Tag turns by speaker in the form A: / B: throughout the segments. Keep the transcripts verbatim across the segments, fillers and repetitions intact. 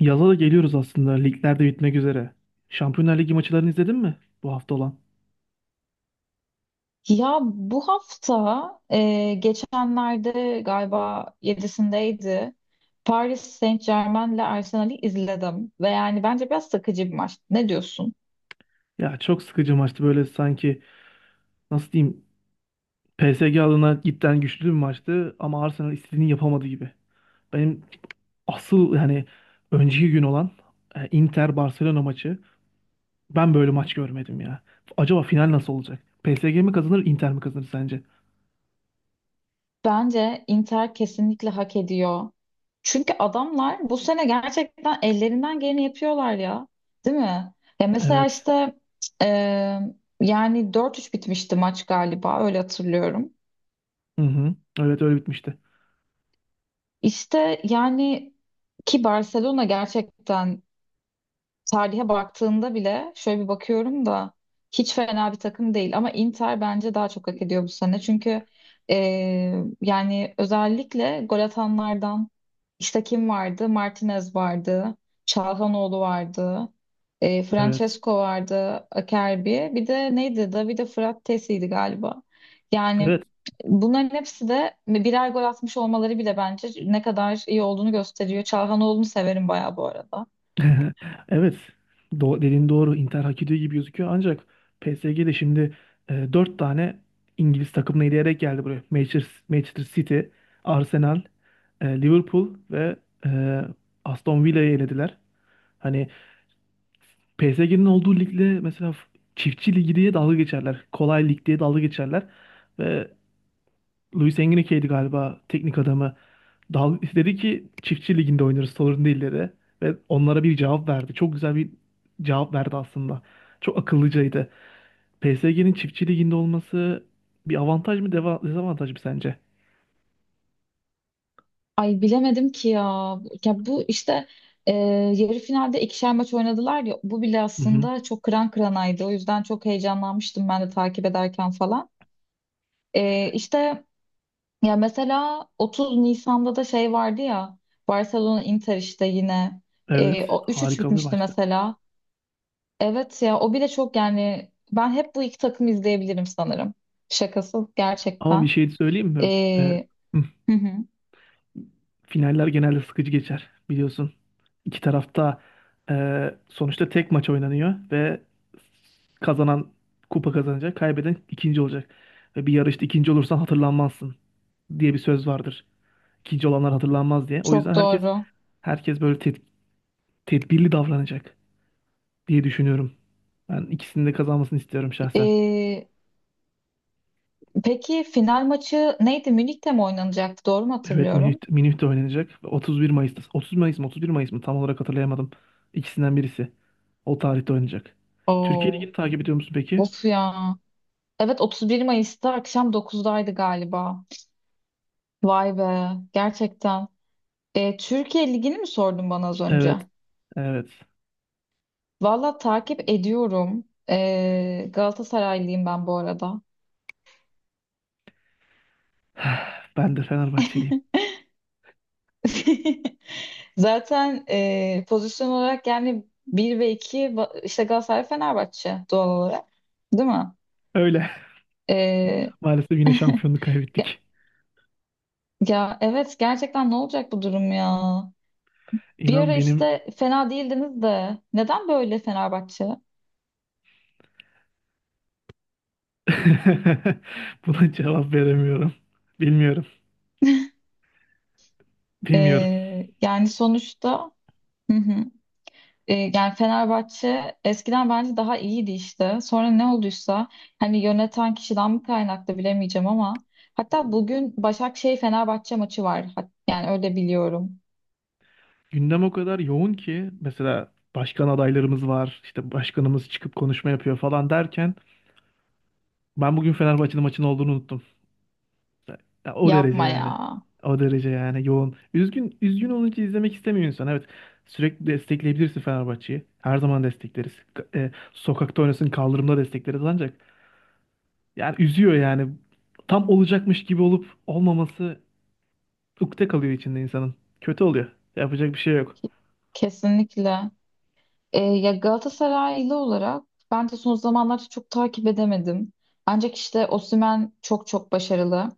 A: Yaza da geliyoruz aslında. Ligler de bitmek üzere. Şampiyonlar Ligi maçlarını izledin mi bu hafta olan?
B: Ya bu hafta e, geçenlerde galiba yedisindeydi Paris Saint-Germain'le Arsenal'i izledim ve yani bence biraz sıkıcı bir maç. Ne diyorsun?
A: Ya çok sıkıcı maçtı böyle sanki, nasıl diyeyim, P S G adına cidden güçlü bir maçtı ama Arsenal istediğini yapamadı gibi. Benim asıl yani önceki gün olan e, Inter Barcelona maçı, ben böyle maç görmedim ya. Acaba final nasıl olacak? P S G mi kazanır, Inter mi kazanır sence?
B: Bence Inter kesinlikle hak ediyor. Çünkü adamlar bu sene gerçekten ellerinden geleni yapıyorlar ya. Değil mi? Ya mesela
A: Evet.
B: işte e, yani dört üç bitmişti maç galiba öyle hatırlıyorum.
A: Hı hı. Evet, öyle bitmişti.
B: İşte yani ki Barcelona gerçekten tarihe baktığında bile şöyle bir bakıyorum da hiç fena bir takım değil ama Inter bence daha çok hak ediyor bu sene. Çünkü e, yani özellikle gol atanlardan işte kim vardı? Martinez vardı, Çalhanoğlu vardı, e,
A: Evet.
B: Francesco vardı, Acerbi. Bir de neydi? Davide Frattesi'ydi galiba. Yani
A: Evet.
B: bunların hepsi de birer gol atmış olmaları bile bence ne kadar iyi olduğunu gösteriyor. Çalhanoğlu'nu severim bayağı bu arada.
A: Evet, do dediğin doğru. Inter hak ediyor gibi gözüküyor. Ancak P S G de şimdi e, dört tane İngiliz takımını eleyerek geldi buraya. Manchester, Manchester City, Arsenal, e, Liverpool ve e, Aston Villa'yı elediler. Hani P S G'nin olduğu ligle mesela f- çiftçi ligi diye dalga geçerler. Kolay lig diye dalga geçerler. Ve Luis Enrique'ydi galiba teknik adamı. Dal dedi ki çiftçi liginde oynarız, sorun değil, dedi. Ve onlara bir cevap verdi. Çok güzel bir cevap verdi aslında. Çok akıllıcaydı. P S G'nin çiftçi liginde olması bir avantaj mı, deva dezavantaj mı sence?
B: Ay bilemedim ki ya. Ya bu işte e, yarı finalde ikişer maç oynadılar ya. Bu bile
A: Hı hı.
B: aslında çok kıran kıranaydı. O yüzden çok heyecanlanmıştım ben de takip ederken falan. E, işte ya mesela otuz Nisan'da da şey vardı ya. Barcelona Inter işte yine.
A: Evet,
B: E, o üç üç
A: harika bir
B: bitmişti
A: maçtı.
B: mesela. Evet ya o bile çok yani ben hep bu iki takım izleyebilirim sanırım. Şakası
A: Ama bir
B: gerçekten.
A: şey söyleyeyim mi? Ee,
B: E,
A: hı
B: hı hı,
A: Finaller genelde sıkıcı geçer, biliyorsun. İki tarafta e, sonuçta tek maç oynanıyor ve kazanan kupa kazanacak, kaybeden ikinci olacak. Ve bir yarışta ikinci olursan hatırlanmazsın diye bir söz vardır. İkinci olanlar hatırlanmaz diye. O yüzden
B: çok
A: herkes
B: doğru.
A: herkes böyle ted- tedbirli davranacak diye düşünüyorum. Ben ikisinin de kazanmasını istiyorum şahsen.
B: E, Peki final maçı neydi? Münih'te mi oynanacaktı? Doğru mu
A: Evet,
B: hatırlıyorum?
A: Minüt, Minüt'te oynanacak. otuz bir Mayıs'ta. otuz Mayıs mı, otuz bir Mayıs mı tam olarak hatırlayamadım. İkisinden birisi. O tarihte oynanacak. Türkiye
B: Oo,
A: Ligi'ni takip ediyor musun peki?
B: of ya. Evet otuz bir Mayıs'ta akşam dokuzdaydı galiba. Vay be gerçekten. E, Türkiye Ligi'ni mi sordun bana az önce?
A: Evet, evet.
B: Valla takip ediyorum. E, Galatasaraylıyım ben bu arada.
A: Ben de Fenerbahçeliyim.
B: Zaten e, pozisyon olarak yani bir ve iki va- işte Galatasaray Fenerbahçe doğal olarak değil mi?
A: Öyle.
B: E,
A: Maalesef yine şampiyonluğu kaybettik.
B: ya evet gerçekten ne olacak bu durum ya? Bir
A: İnan,
B: ara
A: benim
B: işte fena değildiniz de neden böyle Fenerbahçe?
A: buna cevap veremiyorum. Bilmiyorum. Bilmiyorum.
B: Ee, yani sonuçta hı hı. Ee, yani Fenerbahçe eskiden bence daha iyiydi işte. Sonra ne olduysa hani yöneten kişiden mi kaynaklı bilemeyeceğim ama hatta bugün Başakşehir Fenerbahçe maçı var. Hat- Yani öyle biliyorum.
A: Gündem o kadar yoğun ki, mesela başkan adaylarımız var. İşte başkanımız çıkıp konuşma yapıyor falan derken ben bugün Fenerbahçe'nin maçın olduğunu unuttum. Ya o derece
B: Yapma ya.
A: yani. O derece yani, yoğun. Üzgün üzgün olunca izlemek istemiyor insan. Evet. Sürekli destekleyebilirsin Fenerbahçe'yi. Her zaman destekleriz. K- e, sokakta oynasın, kaldırımda destekleriz ancak yani üzüyor yani. Tam olacakmış gibi olup olmaması ukde kalıyor içinde insanın. Kötü oluyor. Yapacak bir şey yok.
B: Kesinlikle. Ee, ya Galatasaraylı olarak ben de son zamanlarda çok takip edemedim. Ancak işte Osimhen çok çok başarılı.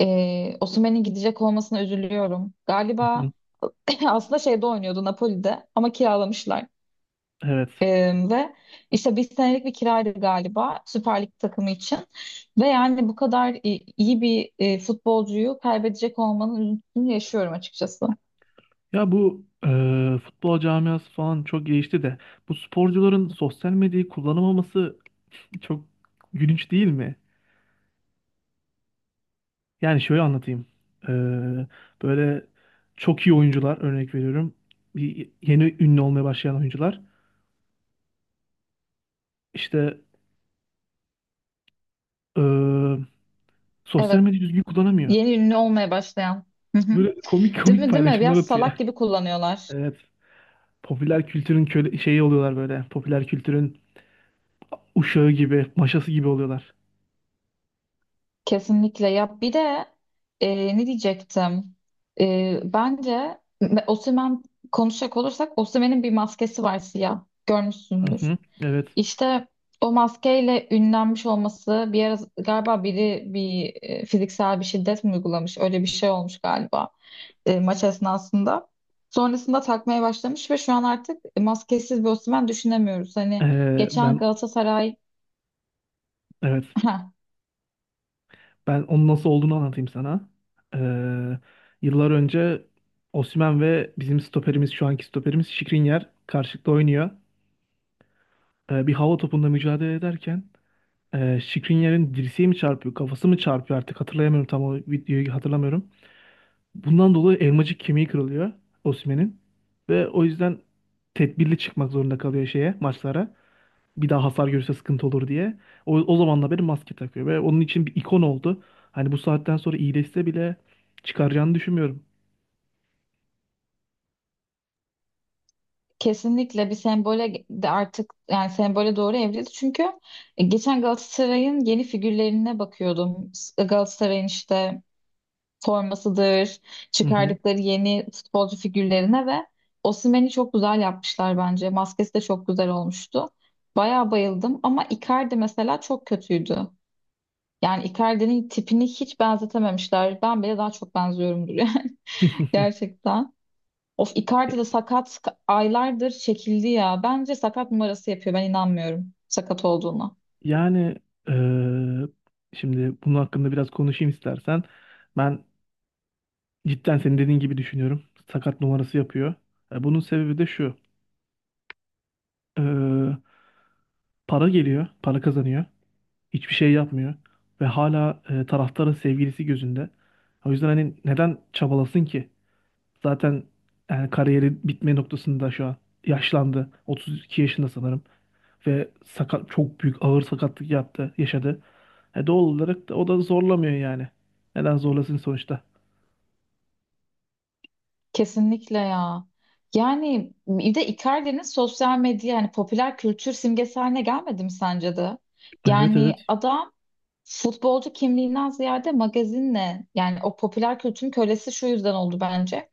B: Ee, Osimhen'in gidecek olmasına üzülüyorum.
A: Hı hı.
B: Galiba aslında şeyde oynuyordu Napoli'de ama kiralamışlar.
A: Evet.
B: Ee, ve işte bir senelik bir kiraydı galiba Süper Lig takımı için. Ve yani bu kadar i- iyi bir e, futbolcuyu kaybedecek olmanın üzüntüsünü yaşıyorum açıkçası.
A: Ya bu e, futbol camiası falan çok gelişti de bu sporcuların sosyal medyayı kullanamaması çok gülünç değil mi? Yani şöyle anlatayım. Ee, Böyle çok iyi oyuncular, örnek veriyorum. Bir yeni ünlü olmaya başlayan oyuncular işte ee, sosyal
B: Evet,
A: medyayı düzgün kullanamıyor.
B: yeni ünlü olmaya başlayan. Hı hı.
A: Böyle komik
B: Değil
A: komik
B: mi değil mi?
A: paylaşımlar
B: Biraz
A: atıyor.
B: salak gibi kullanıyorlar.
A: Evet. Popüler kültürün köle şeyi oluyorlar böyle. Popüler kültürün uşağı gibi, maşası gibi oluyorlar.
B: Kesinlikle ya bir de e, ne diyecektim. E, bence me- Osimhen konuşacak olursak Osimhen'in bir maskesi var siyah
A: Hı
B: görmüşsündür.
A: hı. Evet.
B: İşte o maskeyle ünlenmiş olması bir ara galiba biri bir e, fiziksel bir şiddet mi uygulamış öyle bir şey olmuş galiba e, maç esnasında. Sonrasında takmaya başlamış ve şu an artık maskesiz bir Osimhen düşünemiyoruz. Hani
A: Ee,
B: geçen
A: ben
B: Galatasaray.
A: evet. Ben onun nasıl olduğunu anlatayım sana. Ee, Yıllar önce Osimhen ve bizim stoperimiz, şu anki stoperimiz Skriniar karşılıklı oynuyor. Ee, bir hava topunda mücadele ederken e, Skriniar'ın dirseği mi çarpıyor, kafası mı çarpıyor artık hatırlayamıyorum, tam o videoyu hatırlamıyorum. Bundan dolayı elmacık kemiği kırılıyor Osimhen'in ve o yüzden tedbirli çıkmak zorunda kalıyor şeye, maçlara, bir daha hasar görürse sıkıntı olur diye. O, o zamandan beri maske takıyor ve onun için bir ikon oldu. Hani bu saatten sonra iyileşse bile çıkaracağını düşünmüyorum.
B: Kesinlikle bir sembole de artık yani sembole doğru evrildi. Çünkü e, geçen Galatasaray'ın yeni figürlerine bakıyordum. Galatasaray'ın işte formasıdır,
A: Hı hı.
B: çıkardıkları yeni futbolcu figürlerine ve Osimhen'i çok güzel yapmışlar bence. Maskesi de çok güzel olmuştu. Bayağı bayıldım ama Icardi mesela çok kötüydü. Yani Icardi'nin tipini hiç benzetememişler. Ben bile daha çok benziyorumdur yani gerçekten. Of,
A: E,
B: Icardi de sakat aylardır çekildi ya. Bence sakat numarası yapıyor. Ben inanmıyorum sakat olduğuna.
A: Yani eee, şimdi bunun hakkında biraz konuşayım istersen. Ben cidden senin dediğin gibi düşünüyorum. Sakat numarası yapıyor. E, bunun sebebi de şu. Eee, Para geliyor, para kazanıyor. Hiçbir şey yapmıyor. Ve hala e, taraftarın sevgilisi gözünde. O yüzden hani neden çabalasın ki? Zaten yani kariyeri bitme noktasında şu an. Yaşlandı. otuz iki yaşında sanırım. Ve sakat, çok büyük ağır sakatlık yaptı, yaşadı. E doğal olarak da o da zorlamıyor yani. Neden zorlasın sonuçta?
B: Kesinlikle ya. Yani bir de Icardi'nin sosyal medya yani popüler kültür simgesi haline gelmedi mi sence de?
A: Evet,
B: Yani
A: evet.
B: adam futbolcu kimliğinden ziyade magazinle yani o popüler kültürün kölesi şu yüzden oldu bence.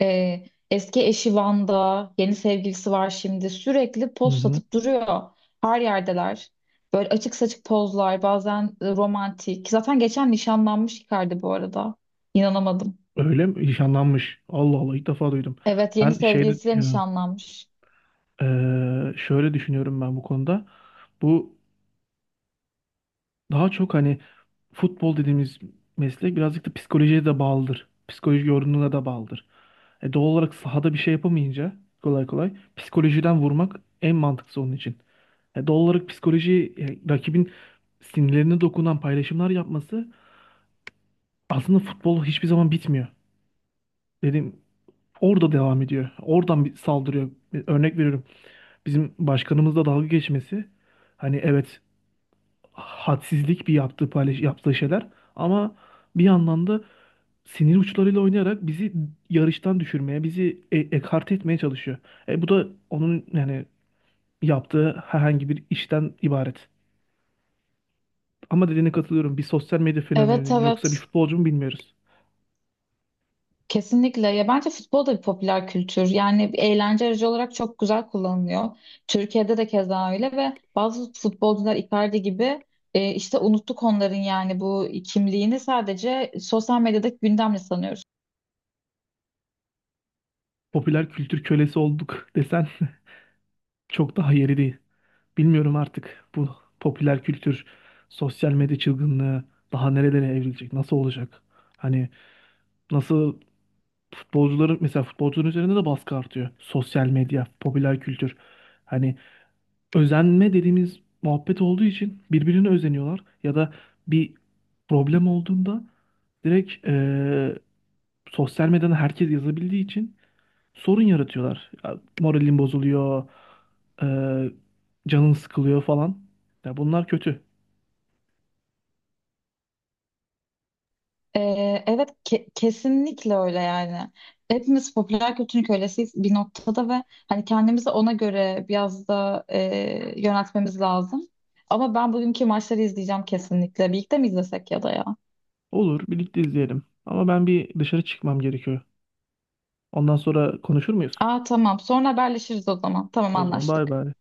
B: Ee, eski eşi Van'da, yeni sevgilisi var şimdi. Sürekli
A: Hı
B: poz
A: hı.
B: satıp duruyor. Her yerdeler. Böyle açık saçık pozlar, bazen e, romantik. Zaten geçen nişanlanmış Icardi bu arada. İnanamadım.
A: Öyle mi? Nişanlanmış. Allah Allah, ilk defa duydum.
B: Evet, yeni
A: Ben şeyde
B: sevgilisiyle nişanlanmış.
A: eee, şöyle düşünüyorum ben bu konuda. Bu Daha çok hani futbol dediğimiz meslek birazcık da psikolojiye de bağlıdır. Psikoloji yorumuna da bağlıdır. E, doğal olarak sahada bir şey yapamayınca kolay kolay psikolojiden vurmak en mantıklısı onun için. E, doğal olarak psikoloji, e, rakibin sinirlerine dokunan paylaşımlar yapması, aslında futbol hiçbir zaman bitmiyor. Dedim, orada devam ediyor. Oradan bir saldırıyor. E, Örnek veriyorum. Bizim başkanımızla dalga geçmesi. Hani evet, hadsizlik bir yaptığı paylaş, yaptığı şeyler ama bir yandan da sinir uçlarıyla oynayarak bizi yarıştan düşürmeye, bizi e ekarte etmeye çalışıyor. E, bu da onun yani yaptığı herhangi bir işten ibaret. Ama dediğine katılıyorum. Bir sosyal medya
B: Evet,
A: fenomeni mi yoksa bir
B: evet.
A: futbolcu mu bilmiyoruz.
B: Kesinlikle. Ya bence futbol da bir popüler kültür. Yani bir eğlence aracı olarak çok güzel kullanılıyor. Türkiye'de de keza öyle ve bazı futbolcular Icardi gibi e, işte unuttuk onların yani bu kimliğini sadece sosyal medyadaki gündemle sanıyoruz.
A: Popüler kültür kölesi olduk desen çok daha yeri değil. Bilmiyorum artık bu popüler kültür, sosyal medya çılgınlığı daha nerelere evrilecek, nasıl olacak? Hani nasıl, futbolcuların mesela, futbolcuların üzerinde de baskı artıyor. Sosyal medya, popüler kültür. Hani özenme dediğimiz muhabbet olduğu için birbirine özeniyorlar ya da bir problem olduğunda direkt eee, sosyal medyadan herkes yazabildiği için sorun yaratıyorlar. Ya, moralin bozuluyor, eee canın sıkılıyor falan. Ya, bunlar kötü.
B: E, evet ke- kesinlikle öyle yani. Hepimiz popüler kültürün kölesiyiz bir noktada ve hani kendimizi ona göre biraz da e, yöneltmemiz lazım. Ama ben bugünkü maçları izleyeceğim kesinlikle. Birlikte mi izlesek ya da ya?
A: Olur, birlikte izleyelim. Ama ben bir dışarı çıkmam gerekiyor. Ondan sonra konuşur muyuz?
B: Aa, tamam. Sonra haberleşiriz o zaman. Tamam,
A: O zaman bay
B: anlaştık.
A: bay.